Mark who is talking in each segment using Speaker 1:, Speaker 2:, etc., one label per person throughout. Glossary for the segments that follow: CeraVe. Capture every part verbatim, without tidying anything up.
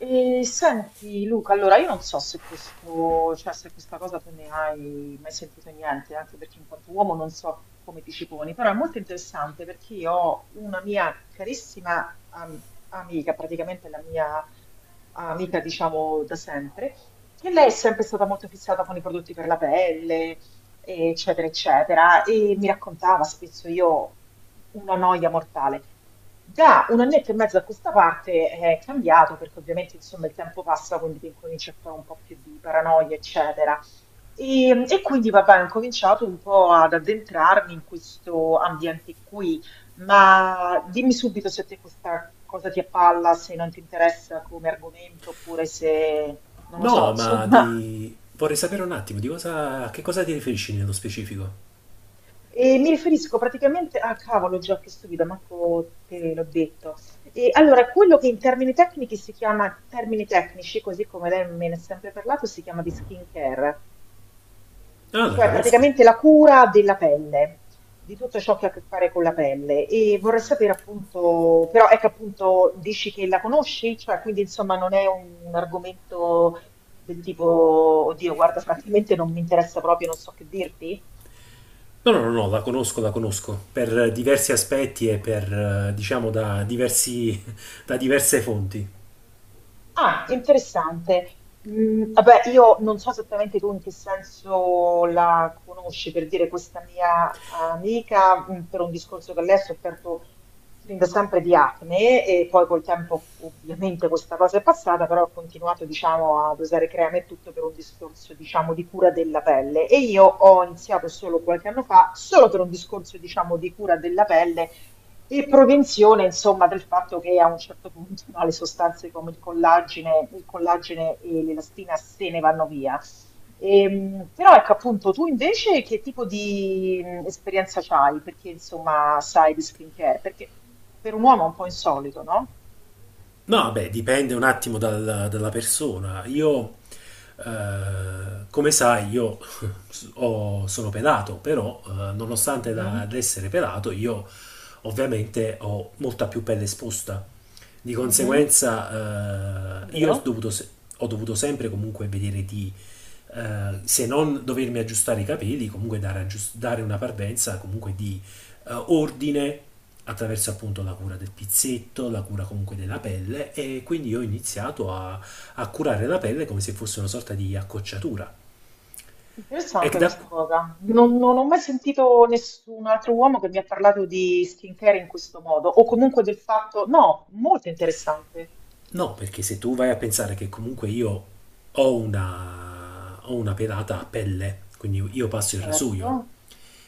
Speaker 1: E senti Luca, allora io non so se questo, cioè se questa cosa tu ne hai mai sentito niente, anche perché in quanto uomo non so come ti ci poni, però è molto interessante perché io ho una mia carissima am- amica, praticamente la mia amica diciamo da sempre, che lei è sempre stata molto fissata con i prodotti per la pelle, eccetera, eccetera, e mi raccontava spesso io una noia mortale. Da un annetto e mezzo a questa parte è cambiato perché ovviamente insomma il tempo passa, quindi ti incominci a fare un po' più di paranoia, eccetera. E, e quindi vabbè, ho incominciato un po' ad addentrarmi in questo ambiente qui, ma dimmi subito se a te questa cosa ti appalla, se non ti interessa come argomento, oppure se, non lo so,
Speaker 2: No, ma
Speaker 1: insomma.
Speaker 2: di... vorrei sapere un attimo di cosa... a che cosa ti riferisci nello specifico?
Speaker 1: E mi riferisco praticamente a cavolo, già che stupida, manco te l'ho detto. E allora, quello che in termini tecnici si chiama, termini tecnici, così come lei me ne ha sempre parlato, si chiama di skincare,
Speaker 2: Ah, la
Speaker 1: cioè
Speaker 2: conosco.
Speaker 1: praticamente la cura della pelle, di tutto ciò che ha a che fare con la pelle. E vorrei sapere appunto, però ecco appunto, dici che la conosci, cioè quindi insomma non è un, un argomento del tipo, oddio, guarda, francamente non mi interessa proprio, non so che dirti.
Speaker 2: No, no, no, no, la conosco, la conosco. Per eh, diversi aspetti e per, eh, diciamo, da diversi... da diverse fonti.
Speaker 1: Ah, interessante. Mm, vabbè, io non so esattamente tu in che senso la conosci, per dire questa mia amica, mm, per un discorso che lei ha sofferto fin da sempre di acne e poi col tempo ovviamente questa cosa è passata, però ha continuato, diciamo, ad usare creme e tutto per un discorso, diciamo, di cura della pelle. E io ho iniziato solo qualche anno fa, solo per un discorso, diciamo, di cura della pelle e prevenzione, insomma, del fatto che a un certo punto no, le sostanze come il collagene, il collagene e l'elastina se ne vanno via. Ehm, però ecco appunto, tu invece che tipo di mh, esperienza c'hai? Perché insomma sai di skincare? Perché per un uomo è un po' insolito, no?
Speaker 2: No, beh, dipende un attimo dal- dalla persona. Io, eh, come sai, io ho- sono pelato, però, eh, nonostante da,
Speaker 1: Mhm,
Speaker 2: ad essere pelato, io ovviamente ho molta più pelle esposta. Di
Speaker 1: mhm.
Speaker 2: conseguenza, eh, io
Speaker 1: Vero?
Speaker 2: ho dovuto, se- ho dovuto sempre comunque vedere di, eh, se non dovermi aggiustare i capelli, comunque dare, aggius- dare una parvenza comunque di eh, ordine attraverso appunto la cura del pizzetto, la cura comunque della pelle e quindi io ho iniziato a, a curare la pelle come se fosse una sorta di accocciatura. E
Speaker 1: Interessante
Speaker 2: da,
Speaker 1: questa cosa. Non, non ho mai sentito nessun altro uomo che mi ha parlato di skincare in questo modo, o comunque del fatto, no, molto interessante.
Speaker 2: no, perché se tu vai a pensare che comunque io ho una, ho una pelata a pelle, quindi io passo il
Speaker 1: Certo,
Speaker 2: rasoio,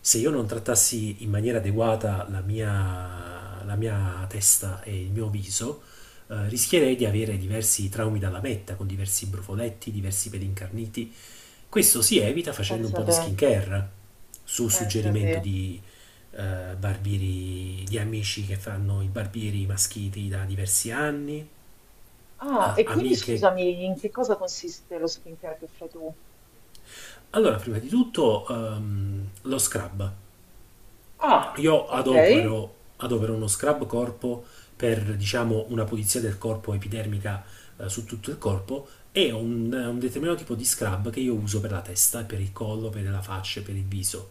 Speaker 2: se io non trattassi in maniera adeguata la mia, la mia testa e il mio viso, eh, rischierei di avere diversi traumi dalla metta, con diversi brufoletti, diversi peli incarniti. Questo si evita facendo un
Speaker 1: pensa
Speaker 2: po' di
Speaker 1: te,
Speaker 2: skincare, su
Speaker 1: pensa
Speaker 2: suggerimento
Speaker 1: te.
Speaker 2: di eh, barbieri, di amici che fanno i barbieri maschiti da diversi anni,
Speaker 1: Ah,
Speaker 2: eh,
Speaker 1: e quindi
Speaker 2: amiche.
Speaker 1: scusami, in che cosa consiste lo skincare che fai tu?
Speaker 2: Allora, prima di tutto, ehm, lo scrub.
Speaker 1: Ah,
Speaker 2: Io
Speaker 1: ok,
Speaker 2: adopero, adopero uno scrub corpo per, diciamo, una pulizia del corpo epidermica eh, su tutto il corpo e un, un determinato tipo di scrub che io uso per la testa, per il collo, per la faccia, per il viso.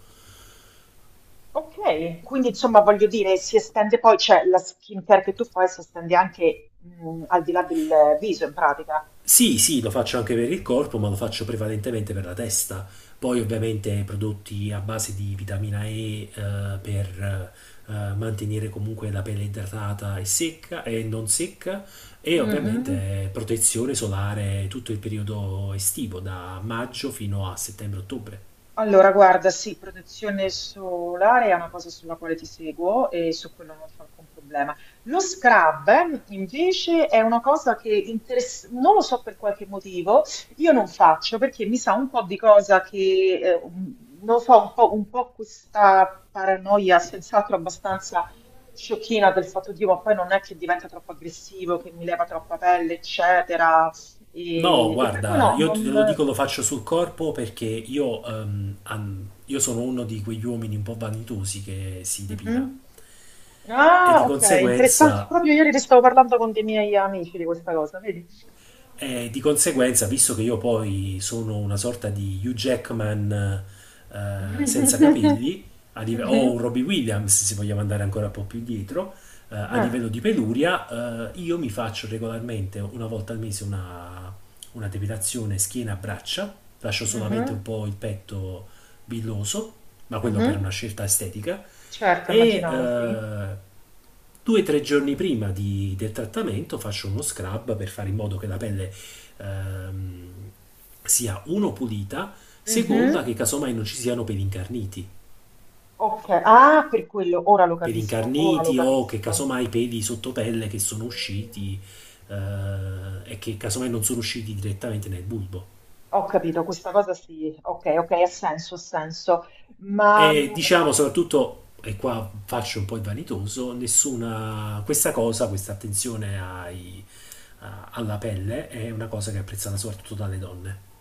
Speaker 1: ok. Quindi insomma voglio dire, si estende poi, cioè la skincare che tu fai si estende anche mm, al di là del viso in pratica.
Speaker 2: Sì, sì, lo faccio anche per il corpo, ma lo faccio prevalentemente per la testa. Poi ovviamente prodotti a base di vitamina E, eh, per eh, mantenere comunque la pelle idratata e secca e non secca e
Speaker 1: Mhm.
Speaker 2: ovviamente protezione solare tutto il periodo estivo, da maggio fino a settembre-ottobre.
Speaker 1: Allora, guarda, sì, protezione solare è una cosa sulla quale ti seguo e su quello non c'è alcun problema. Lo scrub, eh, invece, è una cosa che interess- non lo so per qualche motivo, io non faccio perché mi sa un po' di cosa che, eh, un- non lo so, un po', un po' questa paranoia, senz'altro abbastanza sciocchina del fatto di, ma poi non è che diventa troppo aggressivo, che mi leva troppa pelle, eccetera.
Speaker 2: No,
Speaker 1: E, e per cui
Speaker 2: guarda,
Speaker 1: no,
Speaker 2: io te
Speaker 1: non,
Speaker 2: lo dico, lo faccio sul corpo perché io, ehm, an- io sono uno di quegli uomini un po' vanitosi che si depila
Speaker 1: Mhm.
Speaker 2: e
Speaker 1: Ah,
Speaker 2: di
Speaker 1: ok, interessante.
Speaker 2: conseguenza
Speaker 1: Proprio ieri ne stavo parlando con dei miei amici di questa cosa, vedi?
Speaker 2: E di conseguenza, visto che io poi sono una sorta di Hugh Jackman eh, senza
Speaker 1: Mhm.
Speaker 2: capelli, a live- o
Speaker 1: Mhm.
Speaker 2: un Robbie Williams, se vogliamo andare ancora un po' più dietro, eh, a
Speaker 1: Ah,
Speaker 2: livello di peluria, eh, io mi faccio regolarmente una volta al mese una, una depilazione schiena-braccia, lascio solamente un
Speaker 1: mhm,
Speaker 2: po' il petto billoso, ma quello per
Speaker 1: mhm.
Speaker 2: una scelta estetica,
Speaker 1: Certo,
Speaker 2: e
Speaker 1: immaginavo, sì.
Speaker 2: eh, Due o tre giorni prima di- del trattamento faccio uno scrub per fare in modo che la pelle ehm, sia uno pulita, seconda
Speaker 1: Mhm.
Speaker 2: che casomai non ci siano peli incarniti.
Speaker 1: Ok, ah, per quello, ora lo
Speaker 2: Peli
Speaker 1: capisco, ora lo
Speaker 2: incarniti o che
Speaker 1: capisco.
Speaker 2: casomai peli sotto pelle che sono usciti eh, e che casomai non sono usciti direttamente nel bulbo.
Speaker 1: Ho capito, questa cosa sì, ok, ok, ha senso, ha senso. Ma
Speaker 2: E
Speaker 1: mh,
Speaker 2: diciamo soprattutto, e qua faccio un po' il vanitoso, nessuna, questa cosa, questa attenzione ai- a- alla pelle è una cosa che è apprezzata soprattutto dalle donne.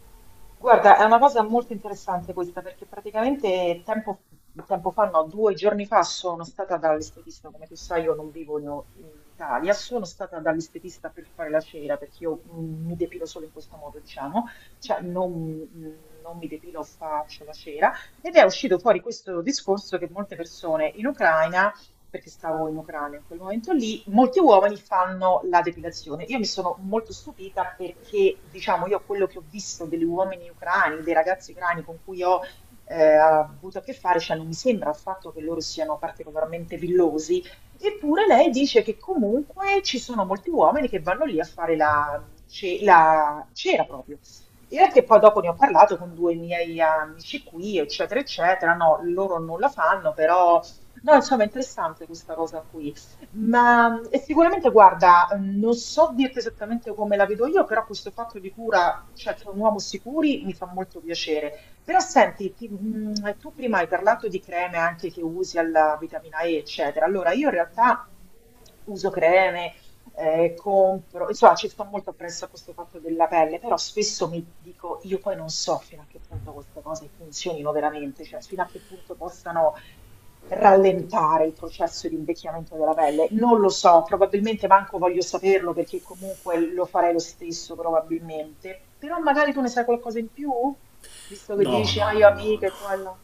Speaker 1: guarda, è una cosa molto interessante questa perché praticamente tempo, tempo fa, no, due giorni fa sono stata dall'estetista, come tu sai io non vivo in in Italia, sono stata dall'estetista per fare la cera perché io mm, mi depilo solo in questo modo, diciamo, cioè non, mm, non mi depilo, faccio la cera ed è uscito fuori questo discorso che molte persone in Ucraina perché stavo in Ucraina in quel momento lì, molti uomini fanno la depilazione. Io mi sono molto stupita perché, diciamo, io quello che ho visto degli uomini ucraini, dei ragazzi ucraini con cui ho eh, avuto a che fare, cioè non mi sembra affatto che loro siano particolarmente villosi, eppure lei dice che comunque ci sono molti uomini che vanno lì a fare la, ce- la cera proprio. E anche poi dopo ne ho parlato con due miei amici qui, eccetera, eccetera. No, loro non la fanno, però. No, insomma, è interessante questa cosa qui. Ma e sicuramente, guarda, mm, non so dirti esattamente come la vedo io, però questo fatto di cura, cioè che un uomo si curi, mi fa molto piacere. Però senti, ti- mh, tu prima hai parlato di creme anche che usi alla vitamina E, eccetera. Allora, io in realtà uso creme eh, compro, insomma ci sto molto appresso a questo fatto della pelle, però spesso mi dico, io poi non so fino a che punto queste cose funzionino veramente, cioè fino a che punto possano rallentare il processo di invecchiamento della pelle. Non lo so, probabilmente manco voglio saperlo perché comunque lo farei lo stesso probabilmente, però magari tu ne sai qualcosa in più, visto che
Speaker 2: No,
Speaker 1: dici, ah
Speaker 2: no,
Speaker 1: io
Speaker 2: no, no, no.
Speaker 1: amiche, quello.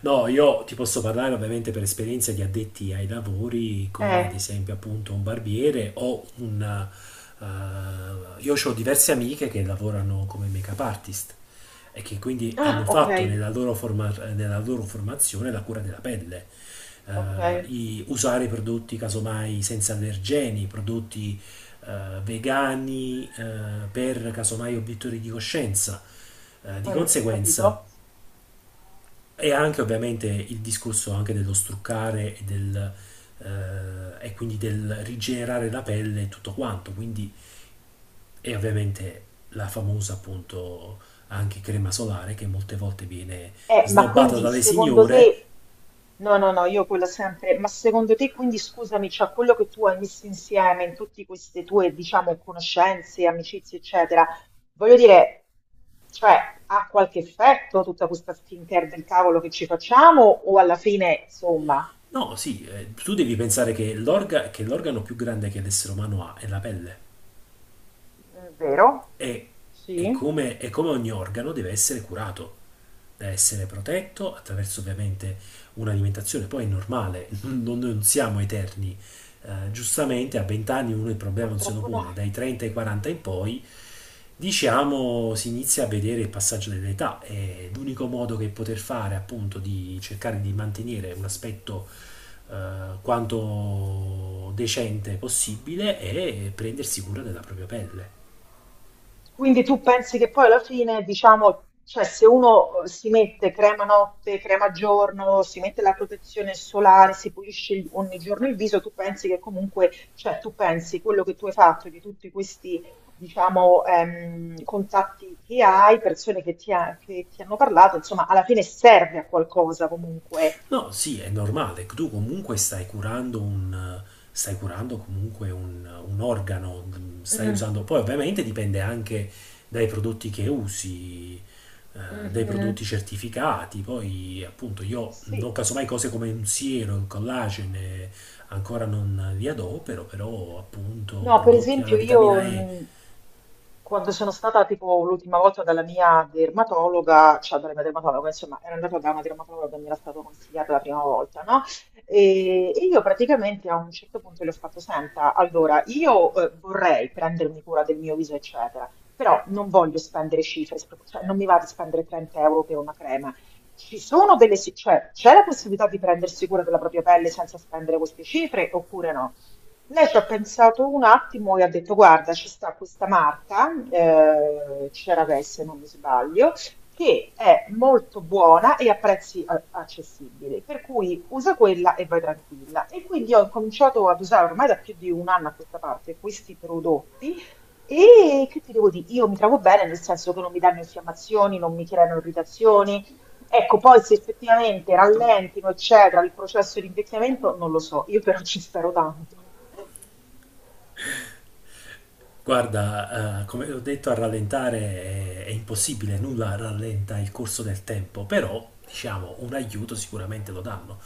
Speaker 2: No, io ti posso parlare ovviamente per esperienza di addetti ai lavori, come ad
Speaker 1: Eh,
Speaker 2: esempio appunto un barbiere o un... eh, io ho diverse amiche che lavorano come make-up artist e che quindi
Speaker 1: ah,
Speaker 2: hanno
Speaker 1: ok,
Speaker 2: fatto nella loro, forma- nella loro formazione la cura della pelle.
Speaker 1: ok.
Speaker 2: Eh, i- usare prodotti casomai senza allergeni, prodotti eh, vegani eh, per casomai obiettori di coscienza. Eh, di
Speaker 1: Poi,
Speaker 2: conseguenza,
Speaker 1: capito?
Speaker 2: e anche ovviamente il discorso anche dello struccare e, del, eh, e quindi del rigenerare la pelle e tutto quanto. Quindi, e ovviamente la famosa appunto anche crema solare che molte volte viene
Speaker 1: Eh, ma
Speaker 2: snobbata
Speaker 1: quindi
Speaker 2: dalle
Speaker 1: secondo
Speaker 2: signore.
Speaker 1: te, no, no, no, io quello sempre, ma secondo te, quindi scusami, cioè quello che tu hai messo insieme in tutte queste tue, diciamo, conoscenze, amicizie, eccetera, voglio dire, cioè, ha qualche effetto tutta questa skincare del cavolo che ci facciamo o alla fine, insomma,
Speaker 2: No, sì, eh, tu devi pensare che l'orga- che l'organo più grande che l'essere umano ha è la pelle.
Speaker 1: è vero?
Speaker 2: e, e
Speaker 1: Sì,
Speaker 2: come, e come ogni organo deve essere curato, deve essere protetto attraverso ovviamente un'alimentazione. Poi è normale, non, non siamo eterni. Eh, giustamente a venti anni uno il problema non se lo
Speaker 1: purtroppo no.
Speaker 2: pone, dai trenta ai quaranta in poi diciamo si inizia a vedere il passaggio dell'età e l'unico modo che poter fare appunto di cercare di mantenere un aspetto eh, quanto decente possibile è prendersi cura della propria pelle.
Speaker 1: Quindi tu pensi che poi alla fine, diciamo, cioè se uno eh, si mette crema notte, crema giorno, si mette la protezione solare, si pulisce il- ogni giorno il viso, tu pensi che comunque, cioè tu pensi quello che tu hai fatto di tutti questi, diciamo, ehm, contatti che hai, persone che ti, ha- che ti hanno parlato, insomma, alla fine serve a qualcosa comunque.
Speaker 2: No, sì, è normale, tu comunque stai curando un, stai curando comunque un, un organo, stai
Speaker 1: Mm,
Speaker 2: usando, poi ovviamente dipende anche dai prodotti che usi, eh, dai
Speaker 1: mhm.
Speaker 2: prodotti certificati, poi appunto io non
Speaker 1: Sì.
Speaker 2: casomai cose come un siero, il collagene, ancora non li adopero, però appunto
Speaker 1: No, per
Speaker 2: prodotti alla
Speaker 1: esempio io
Speaker 2: vitamina E.
Speaker 1: mh, quando sono stata tipo l'ultima volta dalla mia dermatologa, cioè dalla mia dermatologa, insomma, ero andata da una dermatologa che mi era stato consigliata la prima volta, no? E, e io praticamente a un certo punto le ho fatto, senta, allora io eh, vorrei prendermi cura del mio viso, eccetera, però non voglio spendere cifre, spro- cioè non mi va di spendere trenta euro per una crema. Ci sono delle, si- cioè, c'è la possibilità di prendersi cura della propria pelle senza spendere queste cifre oppure no? Lei ci ha pensato un attimo e ha detto: Guarda, ci sta questa marca, eh, CeraVe se non mi sbaglio, che è molto buona e a prezzi a- accessibili, per cui usa quella e vai tranquilla. E quindi ho incominciato ad usare ormai da più di un anno a questa parte questi prodotti. E che ti devo dire? Io mi trovo bene, nel senso che non mi danno infiammazioni, non mi creano irritazioni. Ecco, poi se effettivamente rallentino, eccetera, il processo di invecchiamento, non lo so, io però ci spero tanto.
Speaker 2: Guarda, eh, come ho detto, a rallentare è, è impossibile, nulla rallenta il corso del tempo, però, diciamo, un aiuto sicuramente lo danno.